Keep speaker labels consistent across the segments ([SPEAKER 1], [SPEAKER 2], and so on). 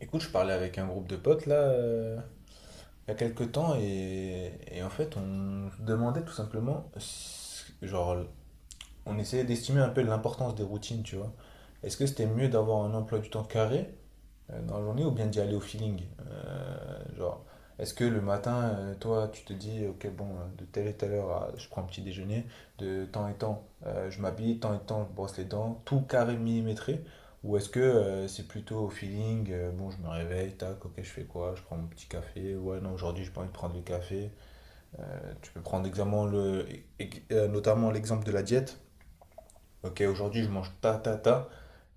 [SPEAKER 1] Écoute, je parlais avec un groupe de potes là, il y a quelques temps, et, en fait, on se demandait tout simplement, genre, on essayait d'estimer un peu l'importance des routines, tu vois. Est-ce que c'était mieux d'avoir un emploi du temps carré dans la journée ou bien d'y aller au feeling? Genre, est-ce que le matin, toi, tu te dis, ok, bon, de telle et telle heure, je prends un petit déjeuner, de temps et temps, je m'habille, temps et temps, je brosse les dents, tout carré millimétré? Ou est-ce que c'est plutôt au feeling, bon, je me réveille, tac, ok, je fais quoi? Je prends mon petit café, ouais, non, aujourd'hui, j'ai pas envie de prendre le café. Tu peux prendre exactement le, notamment l'exemple de la diète. Ok, aujourd'hui, je mange ta ta ta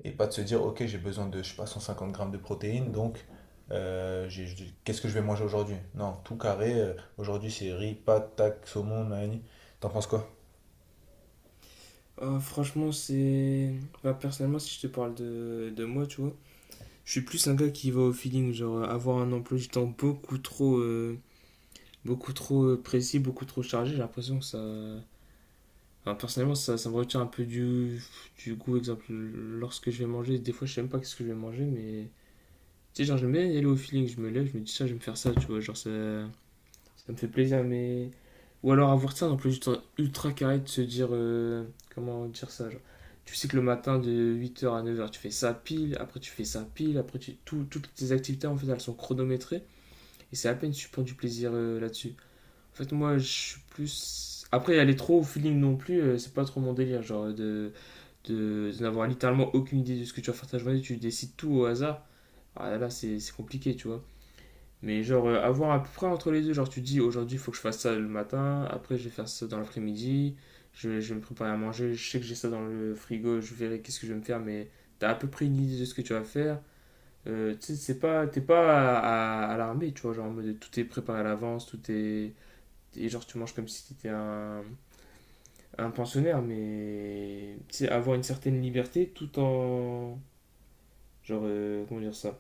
[SPEAKER 1] et pas de se dire, ok, j'ai besoin de, je sais pas, 150 grammes de protéines, donc qu'est-ce que je vais manger aujourd'hui? Non, tout carré, aujourd'hui c'est riz, pâtes, tac, saumon, nanani. T'en penses quoi?
[SPEAKER 2] Ah, franchement, c'est. Bah, personnellement, si je te parle de moi, tu vois, je suis plus un gars qui va au feeling. Genre, avoir un emploi du temps beaucoup trop précis, beaucoup trop chargé, j'ai l'impression que ça. Enfin, personnellement, ça me retient un peu du goût. Exemple, lorsque je vais manger, des fois, je sais même pas qu'est-ce que je vais manger, mais. Tu sais, genre, j'aime bien aller au feeling. Je me lève, je me dis ça, je vais me faire ça, tu vois. Genre, ça. Ça me fait plaisir, mais. Ou alors avoir ça dans plus ultra, carré de se dire. Comment dire ça, genre, tu sais que le matin de 8h à 9h, tu fais ça pile, après tu fais ça pile, après tu, toutes tes activités en fait elles sont chronométrées et c'est à peine si tu prends du plaisir là-dessus. En fait, moi je suis plus. Après, aller trop au feeling non plus, c'est pas trop mon délire. Genre de n'avoir littéralement aucune idée de ce que tu vas faire ta journée, tu décides tout au hasard. Ah là, là, c'est compliqué, tu vois. Mais genre, avoir à peu près entre les deux, genre tu dis aujourd'hui il faut que je fasse ça le matin, après je vais faire ça dans l'après-midi, je vais me préparer à manger, je sais que j'ai ça dans le frigo, je verrai qu'est-ce que je vais me faire, mais t'as à peu près une idée de ce que tu vas faire. Tu sais, c'est pas, t'es pas à, à l'armée, tu vois, genre en mode tout est préparé à l'avance, tout est. Et genre tu manges comme si t'étais un pensionnaire, mais tu sais, avoir une certaine liberté tout en. Genre, comment dire ça?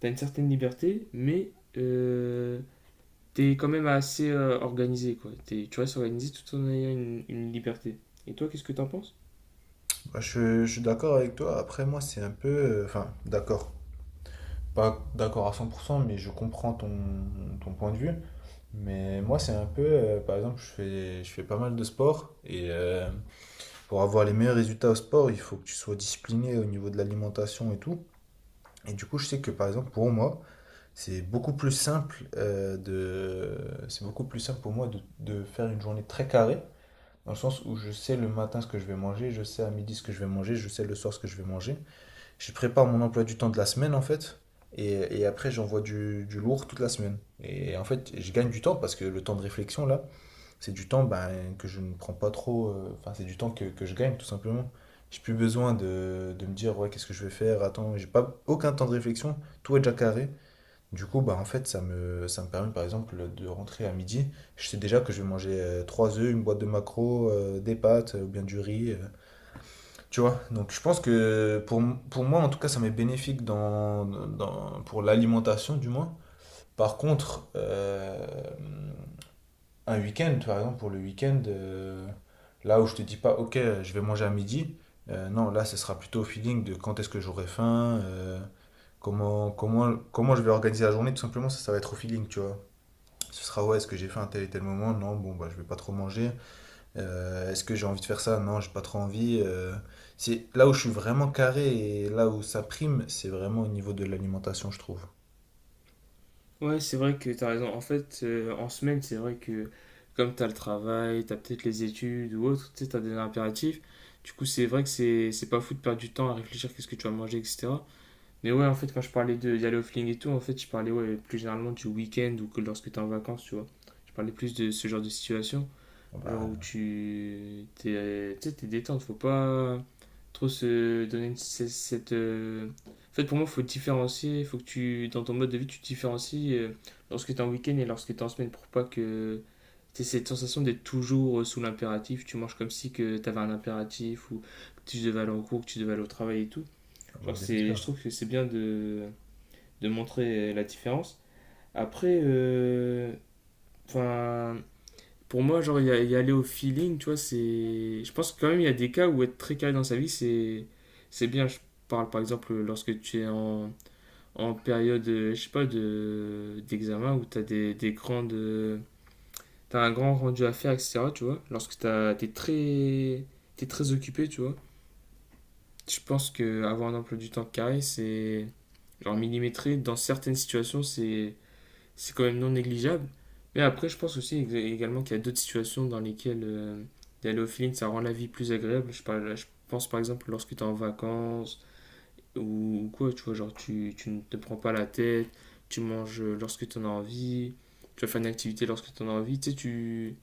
[SPEAKER 2] T'as une certaine liberté, mais. euh, t'es quand même assez organisé, quoi. Tu restes organisé tout en ayant une liberté. Et toi, qu'est-ce que t'en penses?
[SPEAKER 1] Bah, je suis d'accord avec toi. Après, moi, c'est un peu. Enfin, d'accord. Pas d'accord à 100%, mais je comprends ton point de vue. Mais moi, c'est un peu, par exemple, je fais pas mal de sport et pour avoir les meilleurs résultats au sport, il faut que tu sois discipliné au niveau de l'alimentation et tout. Et du coup, je sais que par exemple, pour moi, c'est beaucoup plus simple de... C'est beaucoup plus simple pour moi de, faire une journée très carrée, dans le sens où je sais le matin ce que je vais manger, je sais à midi ce que je vais manger, je sais le soir ce que je vais manger. Je prépare mon emploi du temps de la semaine, en fait, et, après j'envoie du, lourd toute la semaine. Et en fait, je gagne du temps parce que le temps de réflexion, là, c'est du temps ben, que je ne prends pas trop, enfin, c'est du temps que, je gagne, tout simplement. J'ai plus besoin de, me dire, ouais, qu'est-ce que je vais faire, attends, j'ai pas aucun temps de réflexion, tout est déjà carré. Du coup, bah, en fait, ça me permet par exemple de rentrer à midi. Je sais déjà que je vais manger trois œufs, une boîte de maquereaux, des pâtes ou bien du riz. Tu vois? Donc je pense que pour moi, en tout cas, ça m'est bénéfique pour l'alimentation du moins. Par contre, un week-end, par exemple, pour le week-end, là où je te dis pas, ok, je vais manger à midi, non, là, ce sera plutôt au feeling de quand est-ce que j'aurai faim, comment je vais organiser la journée, tout simplement, ça va être au feeling, tu vois. Ce sera, ouais, est-ce que j'ai faim à tel et tel moment? Non, bon, bah, je vais pas trop manger. Est-ce que j'ai envie de faire ça? Non, j'ai pas trop envie. C'est là où je suis vraiment carré et là où ça prime, c'est vraiment au niveau de l'alimentation, je trouve.
[SPEAKER 2] Ouais, c'est vrai que t'as raison. En fait, en semaine, c'est vrai que comme t'as le travail, t'as peut-être les études ou autre, tu sais, t'as des impératifs. Du coup, c'est vrai que c'est pas fou de perdre du temps à réfléchir qu'est-ce que tu vas manger, etc. Mais ouais, en fait, quand je parlais de d'aller au fling et tout, en fait, je parlais ouais, plus généralement du week-end ou que lorsque t'es en vacances, tu vois. Je parlais plus de ce genre de situation.
[SPEAKER 1] Ah,
[SPEAKER 2] Genre où
[SPEAKER 1] bah,
[SPEAKER 2] tu t'es, tu sais, t'es détente, faut pas trop se donner cette. En fait, pour moi, faut différencier, faut que tu, dans ton mode de vie, tu différencies lorsque t'es en week-end et lorsque t'es en semaine pour pas que t'aies cette sensation d'être toujours sous l'impératif. Tu manges comme si que t'avais un impératif ou que tu devais aller en cours, que tu devais aller au travail et tout.
[SPEAKER 1] ah bah,
[SPEAKER 2] Genre,
[SPEAKER 1] bien
[SPEAKER 2] c'est,
[SPEAKER 1] sûr.
[SPEAKER 2] je trouve que c'est bien de montrer la différence. Après, enfin, pour moi, genre, y aller au feeling, tu vois, c'est. Je pense que quand même, il y a des cas où être très carré dans sa vie, c'est bien. Je parle par exemple lorsque tu es en période, je sais pas, de d'examen où tu as des grandes. T'as un grand rendu à faire, etc. Tu vois, lorsque t'es très, occupé, tu vois. Je pense que avoir un emploi du temps carré, c'est genre millimétré. Dans certaines situations, c'est quand même non négligeable. Mais après, je pense aussi également qu'il y a d'autres situations dans lesquelles d'aller au feeling, ça rend la vie plus agréable. Je pense par exemple lorsque tu es en vacances ou quoi, tu vois, genre tu ne te prends pas la tête, tu manges lorsque tu en as envie, tu vas faire une activité lorsque tu en as envie. Tu sais,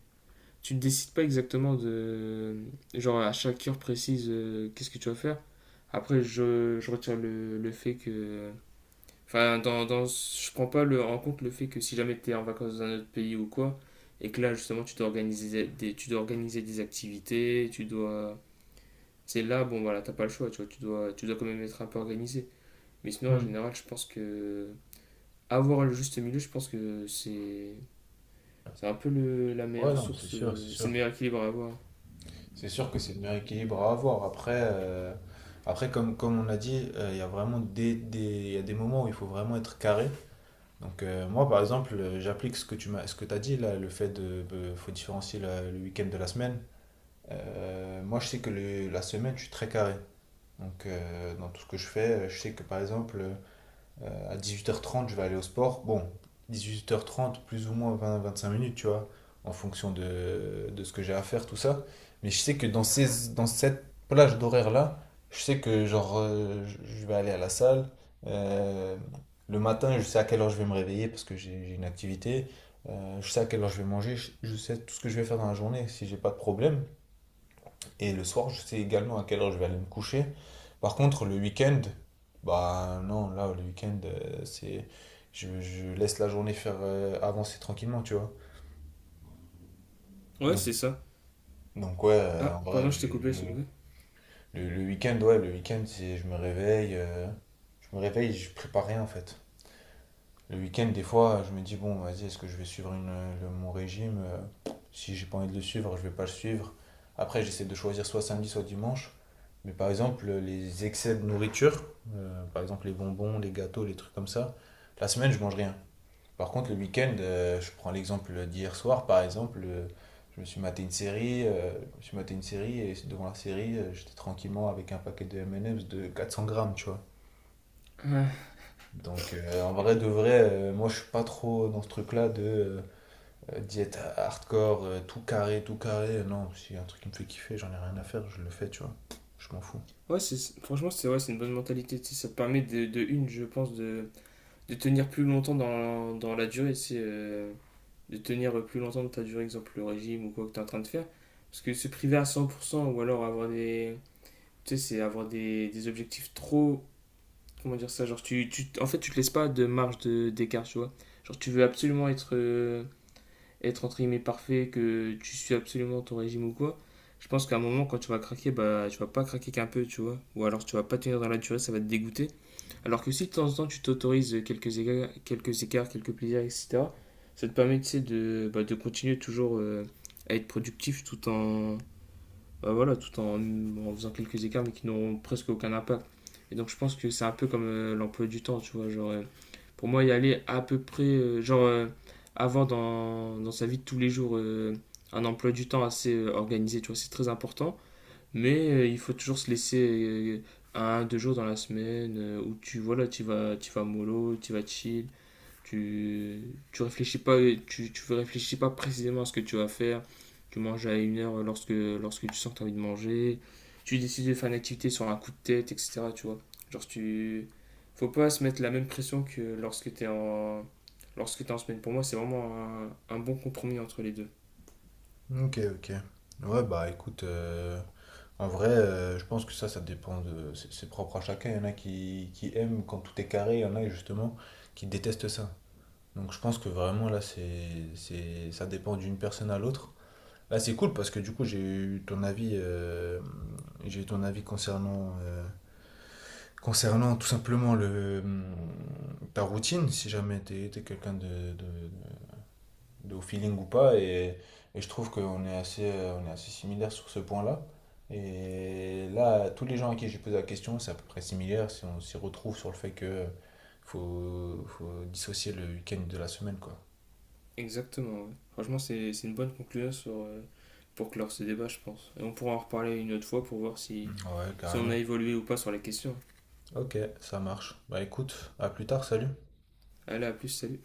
[SPEAKER 2] tu ne décides pas exactement de, genre à chaque heure précise, qu'est-ce que tu vas faire. Après, je retire le fait que, enfin, je prends pas en compte le fait que si jamais tu es en vacances dans un autre pays ou quoi, et que là, justement, tu dois organiser des activités, tu dois. C'est là, bon, voilà, t'as pas le choix, tu vois, tu dois quand même être un peu organisé. Mais sinon, en
[SPEAKER 1] Hmm.
[SPEAKER 2] général, je pense que. Avoir le juste milieu, je pense que c'est. C'est un peu la
[SPEAKER 1] Ouais,
[SPEAKER 2] meilleure
[SPEAKER 1] non, c'est
[SPEAKER 2] source.
[SPEAKER 1] sûr, c'est
[SPEAKER 2] C'est le
[SPEAKER 1] sûr.
[SPEAKER 2] meilleur équilibre à avoir.
[SPEAKER 1] C'est sûr que c'est le meilleur équilibre à avoir. Après, après comme on a dit, il y a vraiment il y a des moments où il faut vraiment être carré. Donc moi, par exemple, j'applique ce que t'as dit là, le fait de, faut différencier le week-end de la semaine. Moi, je sais que la semaine, je suis très carré. Donc dans tout ce que je fais, je sais que par exemple, à huit heures trente, je vais aller au sport. Bon, 18h30 plus ou moins 20 à 25 minutes, tu vois, en fonction de, ce que j'ai à faire, tout ça. Mais je sais que dans cette plage d'horaire-là, je sais que genre, je vais aller à la salle. Euh, le matin, je sais à quelle heure je vais me réveiller parce que j'ai une activité. Je sais à quelle heure je vais manger. Je sais tout ce que je vais faire dans la journée si j'ai pas de problème. Et le soir, je sais également à quelle heure je vais aller me coucher. Par contre, le week-end, bah non, là, le week-end, c'est. Je laisse la journée faire avancer tranquillement, tu vois.
[SPEAKER 2] Ouais,
[SPEAKER 1] Donc,
[SPEAKER 2] c'est ça.
[SPEAKER 1] donc ouais,
[SPEAKER 2] Ah,
[SPEAKER 1] en vrai,
[SPEAKER 2] pardon, je t'ai coupé.
[SPEAKER 1] le week-end, ouais, le week-end, c'est je me réveille, je prépare rien en fait. Le week-end, des fois, je me dis, bon, vas-y, est-ce que je vais suivre mon régime? Si j'ai pas envie de le suivre, je vais pas le suivre. Après, j'essaie de choisir soit samedi, soit dimanche. Mais par exemple, les excès de nourriture, par exemple les bonbons, les gâteaux, les trucs comme ça, la semaine, je mange rien. Par contre, le week-end, je prends l'exemple d'hier soir, par exemple, je me suis maté une série et devant la série, j'étais tranquillement avec un paquet de M&M's de 400 grammes, tu vois. Donc en vrai de vrai, moi je suis pas trop dans ce truc-là de diète hardcore, tout carré. Non, si y a un truc qui me fait kiffer, j'en ai rien à faire, je le fais, tu vois. Je m'en fous.
[SPEAKER 2] Ouais, c'est, franchement, c'est ouais, c'est une bonne mentalité. Tu sais, ça te permet de une, je pense, de tenir plus longtemps dans la durée, c'est de tenir plus longtemps de ta durée, exemple le régime ou quoi que tu es en train de faire. Parce que se priver à 100% ou alors avoir des. Tu sais, c'est avoir des objectifs trop. Comment dire ça, genre, en fait, tu te laisses pas de marge d'écart, tu vois. Genre, tu veux absolument être entre guillemets parfait, que tu suis absolument ton régime ou quoi, je pense qu'à un moment, quand tu vas craquer, bah, tu vas pas craquer qu'un peu, tu vois. Ou alors tu vas pas tenir dans la durée, ça va te dégoûter. Alors que si de temps en temps tu t'autorises quelques écarts, quelques plaisirs, etc., ça te permet, tu sais, de continuer toujours à être productif tout en, bah voilà, tout en faisant quelques écarts, mais qui n'ont presque aucun impact. Et donc je pense que c'est un peu comme l'emploi du temps, tu vois. Genre, pour moi, y aller à peu près, genre, avant dans sa vie de tous les jours, un emploi du temps assez organisé, tu vois, c'est très important. Mais il faut toujours se laisser un, deux jours dans la semaine où tu, voilà, tu vas mollo, tu vas chill, tu, tu réfléchis pas, tu réfléchis pas précisément à ce que tu vas faire. Tu manges à une heure lorsque tu sens que tu as envie de manger. Tu décides de faire une activité sur un coup de tête, etc. Tu vois. Genre, tu. Faut pas se mettre la même pression que lorsque tu es en. Lorsque t'es en semaine. Pour moi, c'est vraiment un bon compromis entre les deux.
[SPEAKER 1] Ok, ok. Ouais, bah écoute, en vrai, je pense que ça dépend de... c'est propre à chacun. Il y en a qui aiment quand tout est carré, il y en a justement qui détestent ça. Donc je pense que vraiment là, ça dépend d'une personne à l'autre. Là, c'est cool parce que du coup, j'ai eu ton avis, concernant, tout simplement le, ta routine, si jamais t'es quelqu'un de au feeling ou pas. Et, je trouve qu'on est on est assez similaires sur ce point-là. Et là, tous les gens à qui j'ai posé la question, c'est à peu près similaire. Si on s'y retrouve sur le fait que faut dissocier le week-end de la semaine, quoi.
[SPEAKER 2] Exactement. Ouais. Franchement, c'est une bonne conclusion sur, pour clore ce débat, je pense. Et on pourra en reparler une autre fois pour voir
[SPEAKER 1] Ouais,
[SPEAKER 2] si on a
[SPEAKER 1] carrément.
[SPEAKER 2] évolué ou pas sur la question.
[SPEAKER 1] Ok, ça marche. Bah écoute, à plus tard, salut.
[SPEAKER 2] Allez, à plus, salut.